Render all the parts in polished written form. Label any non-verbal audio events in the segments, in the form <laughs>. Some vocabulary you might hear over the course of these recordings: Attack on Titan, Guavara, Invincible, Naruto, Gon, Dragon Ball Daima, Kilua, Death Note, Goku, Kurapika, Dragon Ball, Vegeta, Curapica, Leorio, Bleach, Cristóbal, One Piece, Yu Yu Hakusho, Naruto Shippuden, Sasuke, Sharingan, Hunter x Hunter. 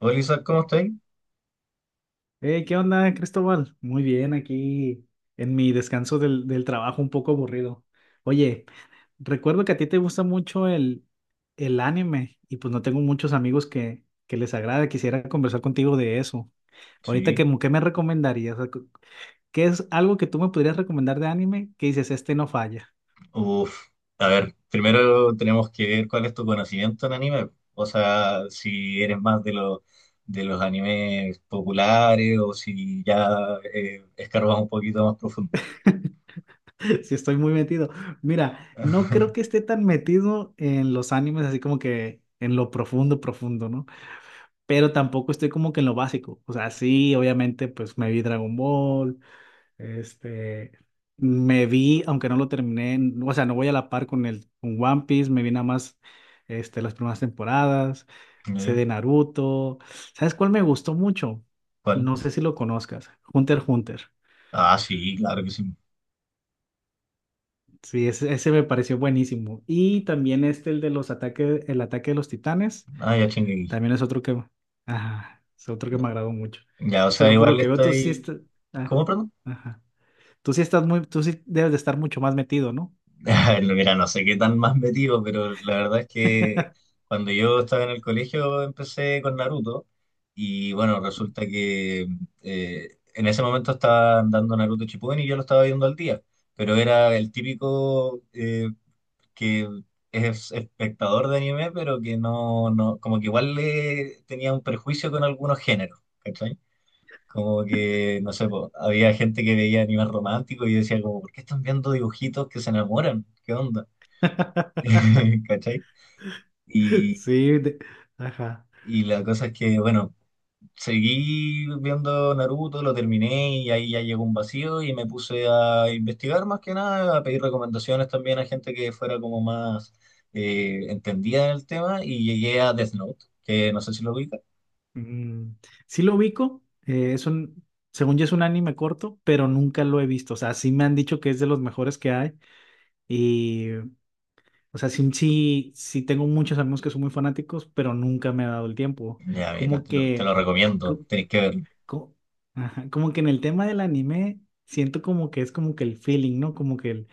Hola Isaac, ¿cómo estáis? Hey, ¿qué onda, Cristóbal? Muy bien, aquí en mi descanso del trabajo, un poco aburrido. Oye, recuerdo que a ti te gusta mucho el anime y pues no tengo muchos amigos que les agrade. Quisiera conversar contigo de eso. Ahorita, ¿qué, Sí. qué me recomendarías? O sea, ¿qué es algo que tú me podrías recomendar de anime que dices, este no falla? Uf. A ver, primero tenemos que ver cuál es tu conocimiento en anime. O sea, si eres más de los animes populares o si ya escarbas un poquito más profundo. <laughs> Si estoy muy metido. Mira, no creo que <laughs> esté tan metido en los animes, así como que en lo profundo, profundo, ¿no? Pero tampoco estoy como que en lo básico. O sea, sí, obviamente, pues me vi Dragon Ball, este, me vi, aunque no lo terminé, o sea, no voy a la par con el con One Piece, me vi nada más las primeras temporadas, sé ¿Ya? de Naruto. ¿Sabes cuál me gustó mucho? ¿Cuál? No sé si lo conozcas, Hunter x Hunter. Ah, sí, claro que sí. Sí, ese me pareció buenísimo. Y también este, el de los ataques, el ataque de los titanes. Ah, ya chingueí. También es otro que, ajá, es otro que Ya, me agradó mucho. o sea, Pero por lo igual que veo, tú sí estáis. estás, ah, ¿Cómo, perdón? ajá. Tú sí estás muy, tú sí debes de estar mucho más metido, ¿no? <laughs> Mira, no sé qué tan más metido, pero la verdad es que cuando yo estaba en el colegio empecé con Naruto y bueno, resulta que en ese momento estaban dando Naruto Shippuden y yo lo estaba viendo al día, pero era el típico que es espectador de anime, pero que no, no, como que igual le tenía un prejuicio con algunos géneros, ¿cachai? Como que, no sé, po, había gente que veía anime romántico y yo decía como, ¿por qué están viendo dibujitos que se enamoran? ¿Qué onda? <laughs> <laughs> ¿Cachai? Y, Sí, ajá. y la cosa es que, bueno, seguí viendo Naruto, lo terminé y ahí ya llegó un vacío y me puse a investigar más que nada, a pedir recomendaciones también a gente que fuera como más entendida en el tema y llegué a Death Note, que no sé si lo ubica. Mm, sí lo ubico, es un, según yo es un anime corto, pero nunca lo he visto. O sea, sí me han dicho que es de los mejores que hay y, o sea, sí, sí, sí tengo muchos amigos que son muy fanáticos, pero nunca me ha dado el tiempo. Ya, mira, Como te que, lo recomiendo, co- tenéis que verlo. co- ajá, como que en el tema del anime siento como que es como que el feeling, ¿no? Como que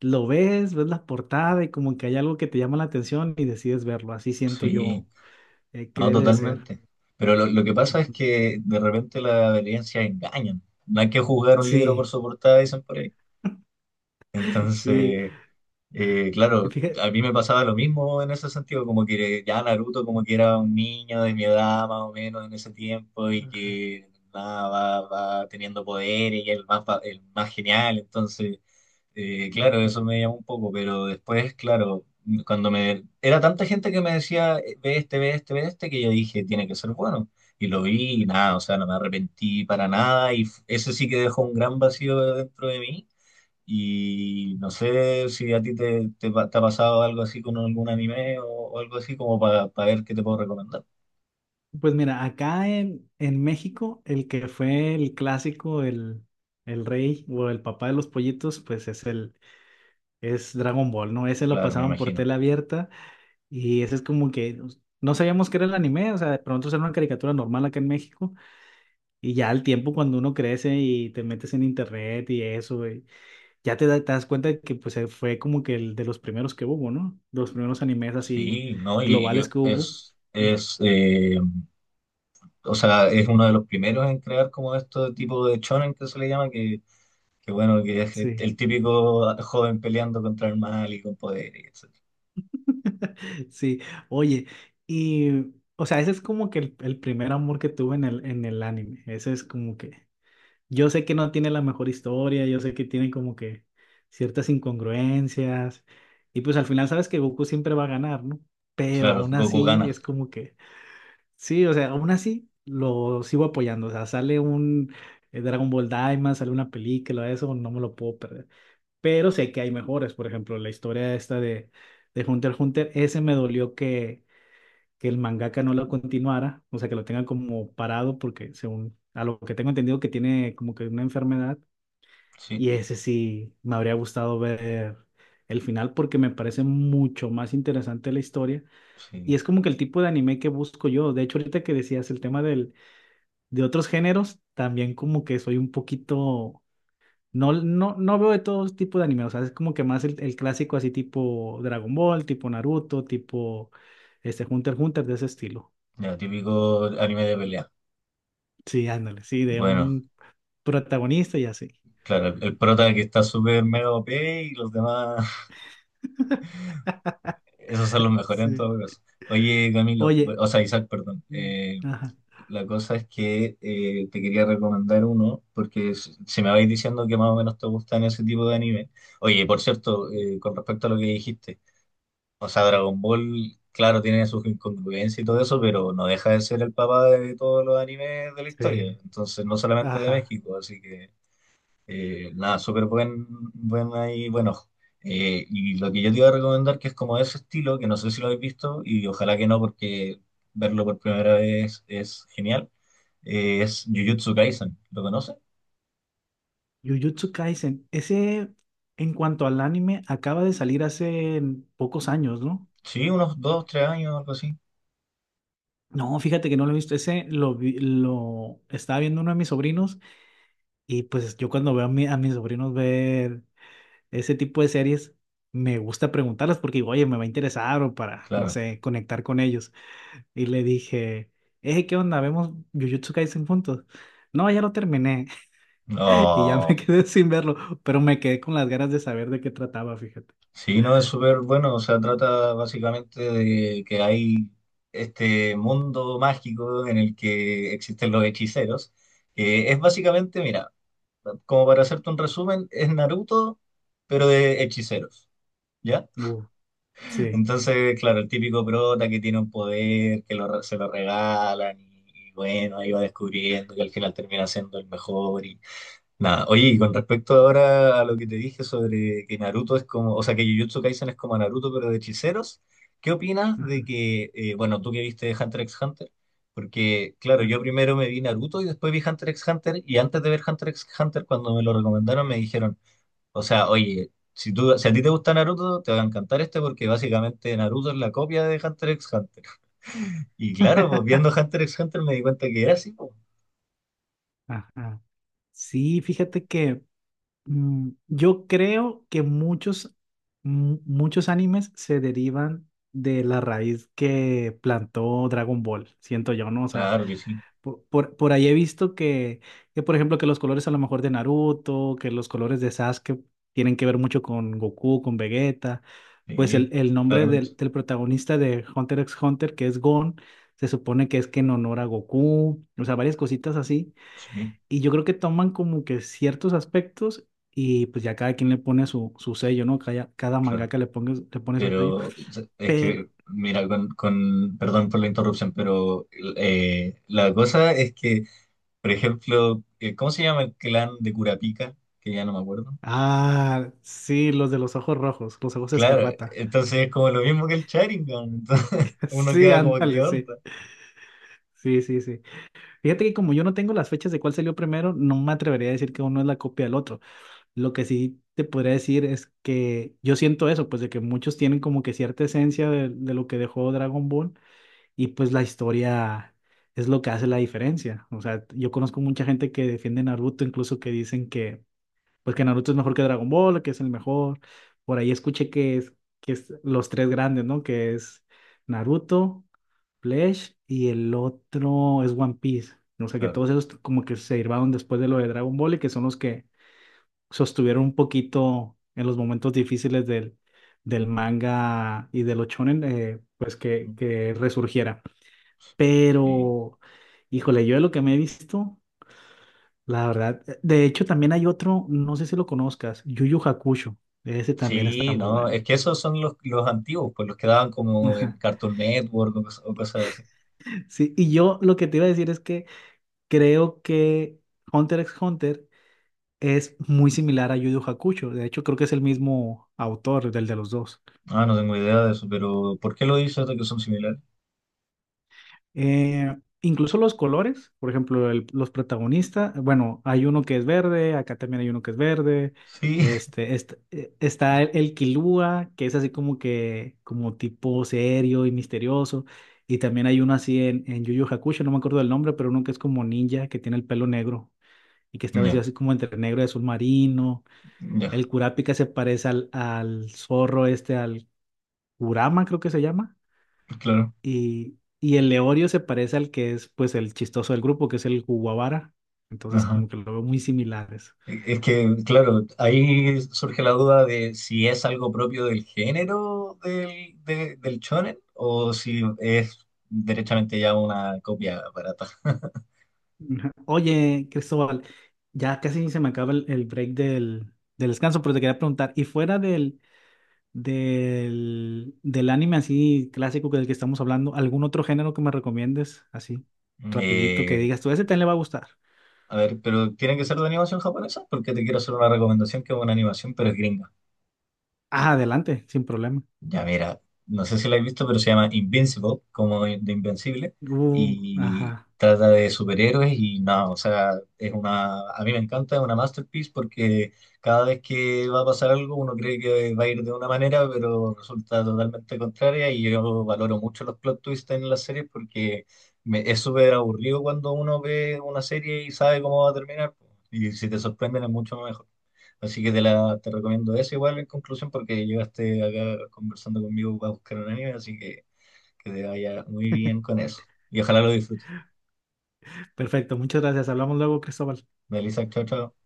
lo ves, ves la portada y como que hay algo que te llama la atención y decides verlo. Así siento Sí, yo que no, debe de ser. totalmente. Pero lo que pasa es Ujú. que de repente las apariencias engañan. No hay que juzgar un libro por Sí, su portada, dicen por ahí. <laughs> sí. Entonces... Y claro, fíjate, a mí me pasaba lo mismo en ese sentido, como que ya Naruto como que era un niño de mi edad más o menos en ese tiempo y ajá. que nada, va, va teniendo poder y el más, el más genial, entonces, claro, eso me llamó un poco, pero después, claro, cuando me... Era tanta gente que me decía, ve este, ve este, ve este, que yo dije, tiene que ser bueno. Y lo vi y nada, o sea, no me arrepentí para nada y eso sí que dejó un gran vacío dentro de mí y no sé si a ti te ha pasado algo así con algún anime o algo así como para ver qué te puedo recomendar. Pues mira, acá en México, el que fue el clásico, el rey o el papá de los pollitos, pues es el, es Dragon Ball, ¿no? Ese lo Claro, me pasaban por imagino. tela abierta. Y eso es como que pues, no sabíamos qué era el anime, o sea, de pronto era una caricatura normal acá en México. Y ya al tiempo, cuando uno crece y te metes en internet y eso, y ya te, te das cuenta de que pues fue como que el de los primeros que hubo, ¿no? De los primeros animes así Sí, ¿no? Globales que hubo. Es o sea, es uno de los primeros en crear como este tipo de shonen que se le llama, que bueno, que es Sí. el típico joven peleando contra el mal y con poder, y etc. <laughs> Sí, oye, y o sea, ese es como que el primer amor que tuve en el anime. Ese es como que yo sé que no tiene la mejor historia, yo sé que tiene como que ciertas incongruencias y pues al final sabes que Goku siempre va a ganar, ¿no? Pero Claro, aún Goku así gana. es como que, sí, o sea, aún así lo sigo apoyando, o sea, sale un Dragon Ball Daima, sale una película, eso no me lo puedo perder. Pero sé que hay mejores, por ejemplo, la historia esta de Hunter x Hunter, ese me dolió que el mangaka no lo continuara, o sea, que lo tenga como parado porque según... A lo que tengo entendido que tiene como que una enfermedad Sí, y ese sí, me habría gustado ver el final porque me parece mucho más interesante la historia. Y sí. es como que el tipo de anime que busco yo. De hecho, ahorita que decías el tema del, de otros géneros, también como que soy un poquito... No, no, no veo de todo tipo de anime. O sea, es como que más el clásico así tipo Dragon Ball, tipo Naruto, tipo este Hunter x Hunter de ese estilo. Ya, típico anime de pelea. Sí, ándale, sí, de Bueno, un protagonista y así. claro, el prota que está súper mega OP y los demás. <laughs> Esos son los mejores en Sí. todo caso. Oye, Camilo, Oye, o sea, Isaac, perdón. mm, Eh, ajá. la cosa es que te quería recomendar uno, porque si me vais diciendo que más o menos te gustan ese tipo de anime. Oye, por cierto, con respecto a lo que dijiste, o sea, Dragon Ball, claro, tiene sus incongruencias y todo eso, pero no deja de ser el papá de todos los animes de la historia, Sí. entonces no solamente de Ajá. México, así que nada, súper buen, buen ahí, bueno. Y lo que yo te iba a recomendar, que es como de ese estilo, que no sé si lo habéis visto, y ojalá que no, porque verlo por primera vez es genial, es Jujutsu Kaisen. ¿Lo conoces? Jujutsu Kaisen. Ese, en cuanto al anime, acaba de salir hace pocos años, ¿no? Sí, unos dos, tres años, algo así. No, fíjate que no lo he visto. Ese lo estaba viendo uno de mis sobrinos y pues yo cuando veo a, a mis sobrinos ver ese tipo de series, me gusta preguntarlas porque digo, oye, me va a interesar o para, no Claro. sé, conectar con ellos. Y le dije, ¿qué onda? ¿Vemos Jujutsu Kaisen juntos? No, ya lo terminé. <laughs> Y ya me No. quedé sin verlo, pero me quedé con las ganas de saber de qué trataba, fíjate. Sí, no, es súper bueno. O sea, trata básicamente de que hay este mundo mágico en el que existen los hechiceros, que es básicamente, mira, como para hacerte un resumen, es Naruto, pero de hechiceros, ¿ya? Sí. Entonces, claro, el típico prota que tiene un poder, que se lo regalan y bueno, ahí va descubriendo que al final termina siendo el mejor y, nada, oye, y con respecto ahora a lo que te dije sobre que Naruto es como, o sea, que Jujutsu Kaisen es como Naruto, pero de hechiceros, ¿qué opinas de Ajá, que, bueno, tú que viste Hunter x Hunter? Porque, claro, ajá. yo primero me vi Naruto y después vi Hunter x Hunter, y antes de ver Hunter x Hunter, cuando me lo recomendaron, me dijeron, o sea, oye, si tú, si a ti te gusta Naruto, te va a encantar este porque básicamente Naruto es la copia de Hunter x Hunter. <laughs> Y claro, pues <laughs> viendo Hunter x Hunter me di cuenta que era así, pues. Ajá. Sí, fíjate que mm, yo creo que muchos, muchos animes se derivan de la raíz que plantó Dragon Ball, siento yo, ¿no? O sea, Claro que sí, por ahí he visto que, por ejemplo, que los colores a lo mejor de Naruto, que los colores de Sasuke tienen que ver mucho con Goku, con Vegeta. Pues sí, el nombre claramente, del, del protagonista de Hunter x Hunter, que es Gon, se supone que es que en honor a Goku, o sea, varias cositas así. sí, Y yo creo que toman como que ciertos aspectos y pues ya cada quien le pone su, su sello, ¿no? Cada, cada claro. mangaka le ponga, le pone su sello. Pero o sea, es Pero, que, mira, perdón por la interrupción, pero la cosa es que, por ejemplo, ¿cómo se llama el clan de Curapica? Que ya no me acuerdo. ah, sí, los de los ojos rojos, los ojos Claro, escarlata. entonces es como lo mismo que el Sharingan, entonces <laughs> <laughs> uno Sí, queda como, ¿qué ándale, sí. onda? Sí, sí, sí. Fíjate que como yo no tengo las fechas de cuál salió primero, no me atrevería a decir que uno es la copia del otro. Lo que sí te podría decir es que yo siento eso, pues de que muchos tienen como que cierta esencia de lo que dejó Dragon Ball y pues la historia es lo que hace la diferencia. O sea, yo conozco mucha gente que defiende Naruto, incluso que dicen que pues que Naruto es mejor que Dragon Ball, que es el mejor. Por ahí escuché que es los tres grandes, ¿no? Que es Naruto, Bleach y el otro es One Piece. O sea que Claro, todos esos como que se derivaron después de lo de Dragon Ball y que son los que sostuvieron un poquito en los momentos difíciles del, del manga y de los shonen, pues ujú, que resurgiera. sí. Pero, híjole, yo de lo que me he visto. La verdad, de hecho también hay otro, no sé si lo conozcas, Yu Yu Hakusho, ese también está Sí, muy no, bueno. es que esos son los antiguos, pues los que daban como en Ajá. Cartoon Network o, o cosas así. Sí, y yo lo que te iba a decir es que creo que Hunter x Hunter es muy similar a Yu Yu Hakusho, de hecho creo que es el mismo autor del de los dos. Ah, no tengo idea de eso, pero ¿por qué lo hizo esto que son similares? Eh, Incluso los colores, por ejemplo, los protagonistas, bueno, hay uno que es verde, acá también hay uno que es verde, Sí, este, está el Kilua, que es así como que, como tipo serio y misterioso, y también hay uno así en Yu Yu Hakusho, no me acuerdo del nombre, pero uno que es como ninja, que tiene el pelo negro, y que está <laughs> vestido ya, así como entre negro y azul marino, ya, el Kurapika se parece al, al zorro este, al Kurama creo que se llama claro. Y el Leorio se parece al que es pues el chistoso del grupo, que es el Guavara. Entonces Ajá. como que lo veo muy similares. Es que, claro, ahí surge la duda de si es algo propio del género del shonen o si es derechamente ya una copia barata. <laughs> Ujú. Oye, Cristóbal, ya casi se me acaba el break del, del descanso, pero te quería preguntar, ¿y fuera del, del, del anime así clásico que del que estamos hablando, algún otro género que me recomiendes así rapidito que Eh, digas tú, ese también le va a gustar? a ver, pero tiene que ser de animación japonesa porque te quiero hacer una recomendación que es una animación, pero es gringa. Ah, adelante, sin problema. Ya mira, no sé si lo has visto, pero se llama Invincible, como de Invencible, y Ajá. trata de superhéroes y no, o sea, es una, a mí me encanta, es una masterpiece porque cada vez que va a pasar algo uno cree que va a ir de una manera, pero resulta totalmente contraria y yo valoro mucho los plot twists en las series porque es súper aburrido cuando uno ve una serie y sabe cómo va a terminar y si te sorprenden es mucho mejor. Así que te recomiendo eso igual en conclusión porque llegaste acá conversando conmigo para buscar un anime, así que te vaya muy bien con eso. Y ojalá lo disfrutes. Perfecto, muchas gracias. Hablamos luego, Cristóbal. Melissa, chao, chao.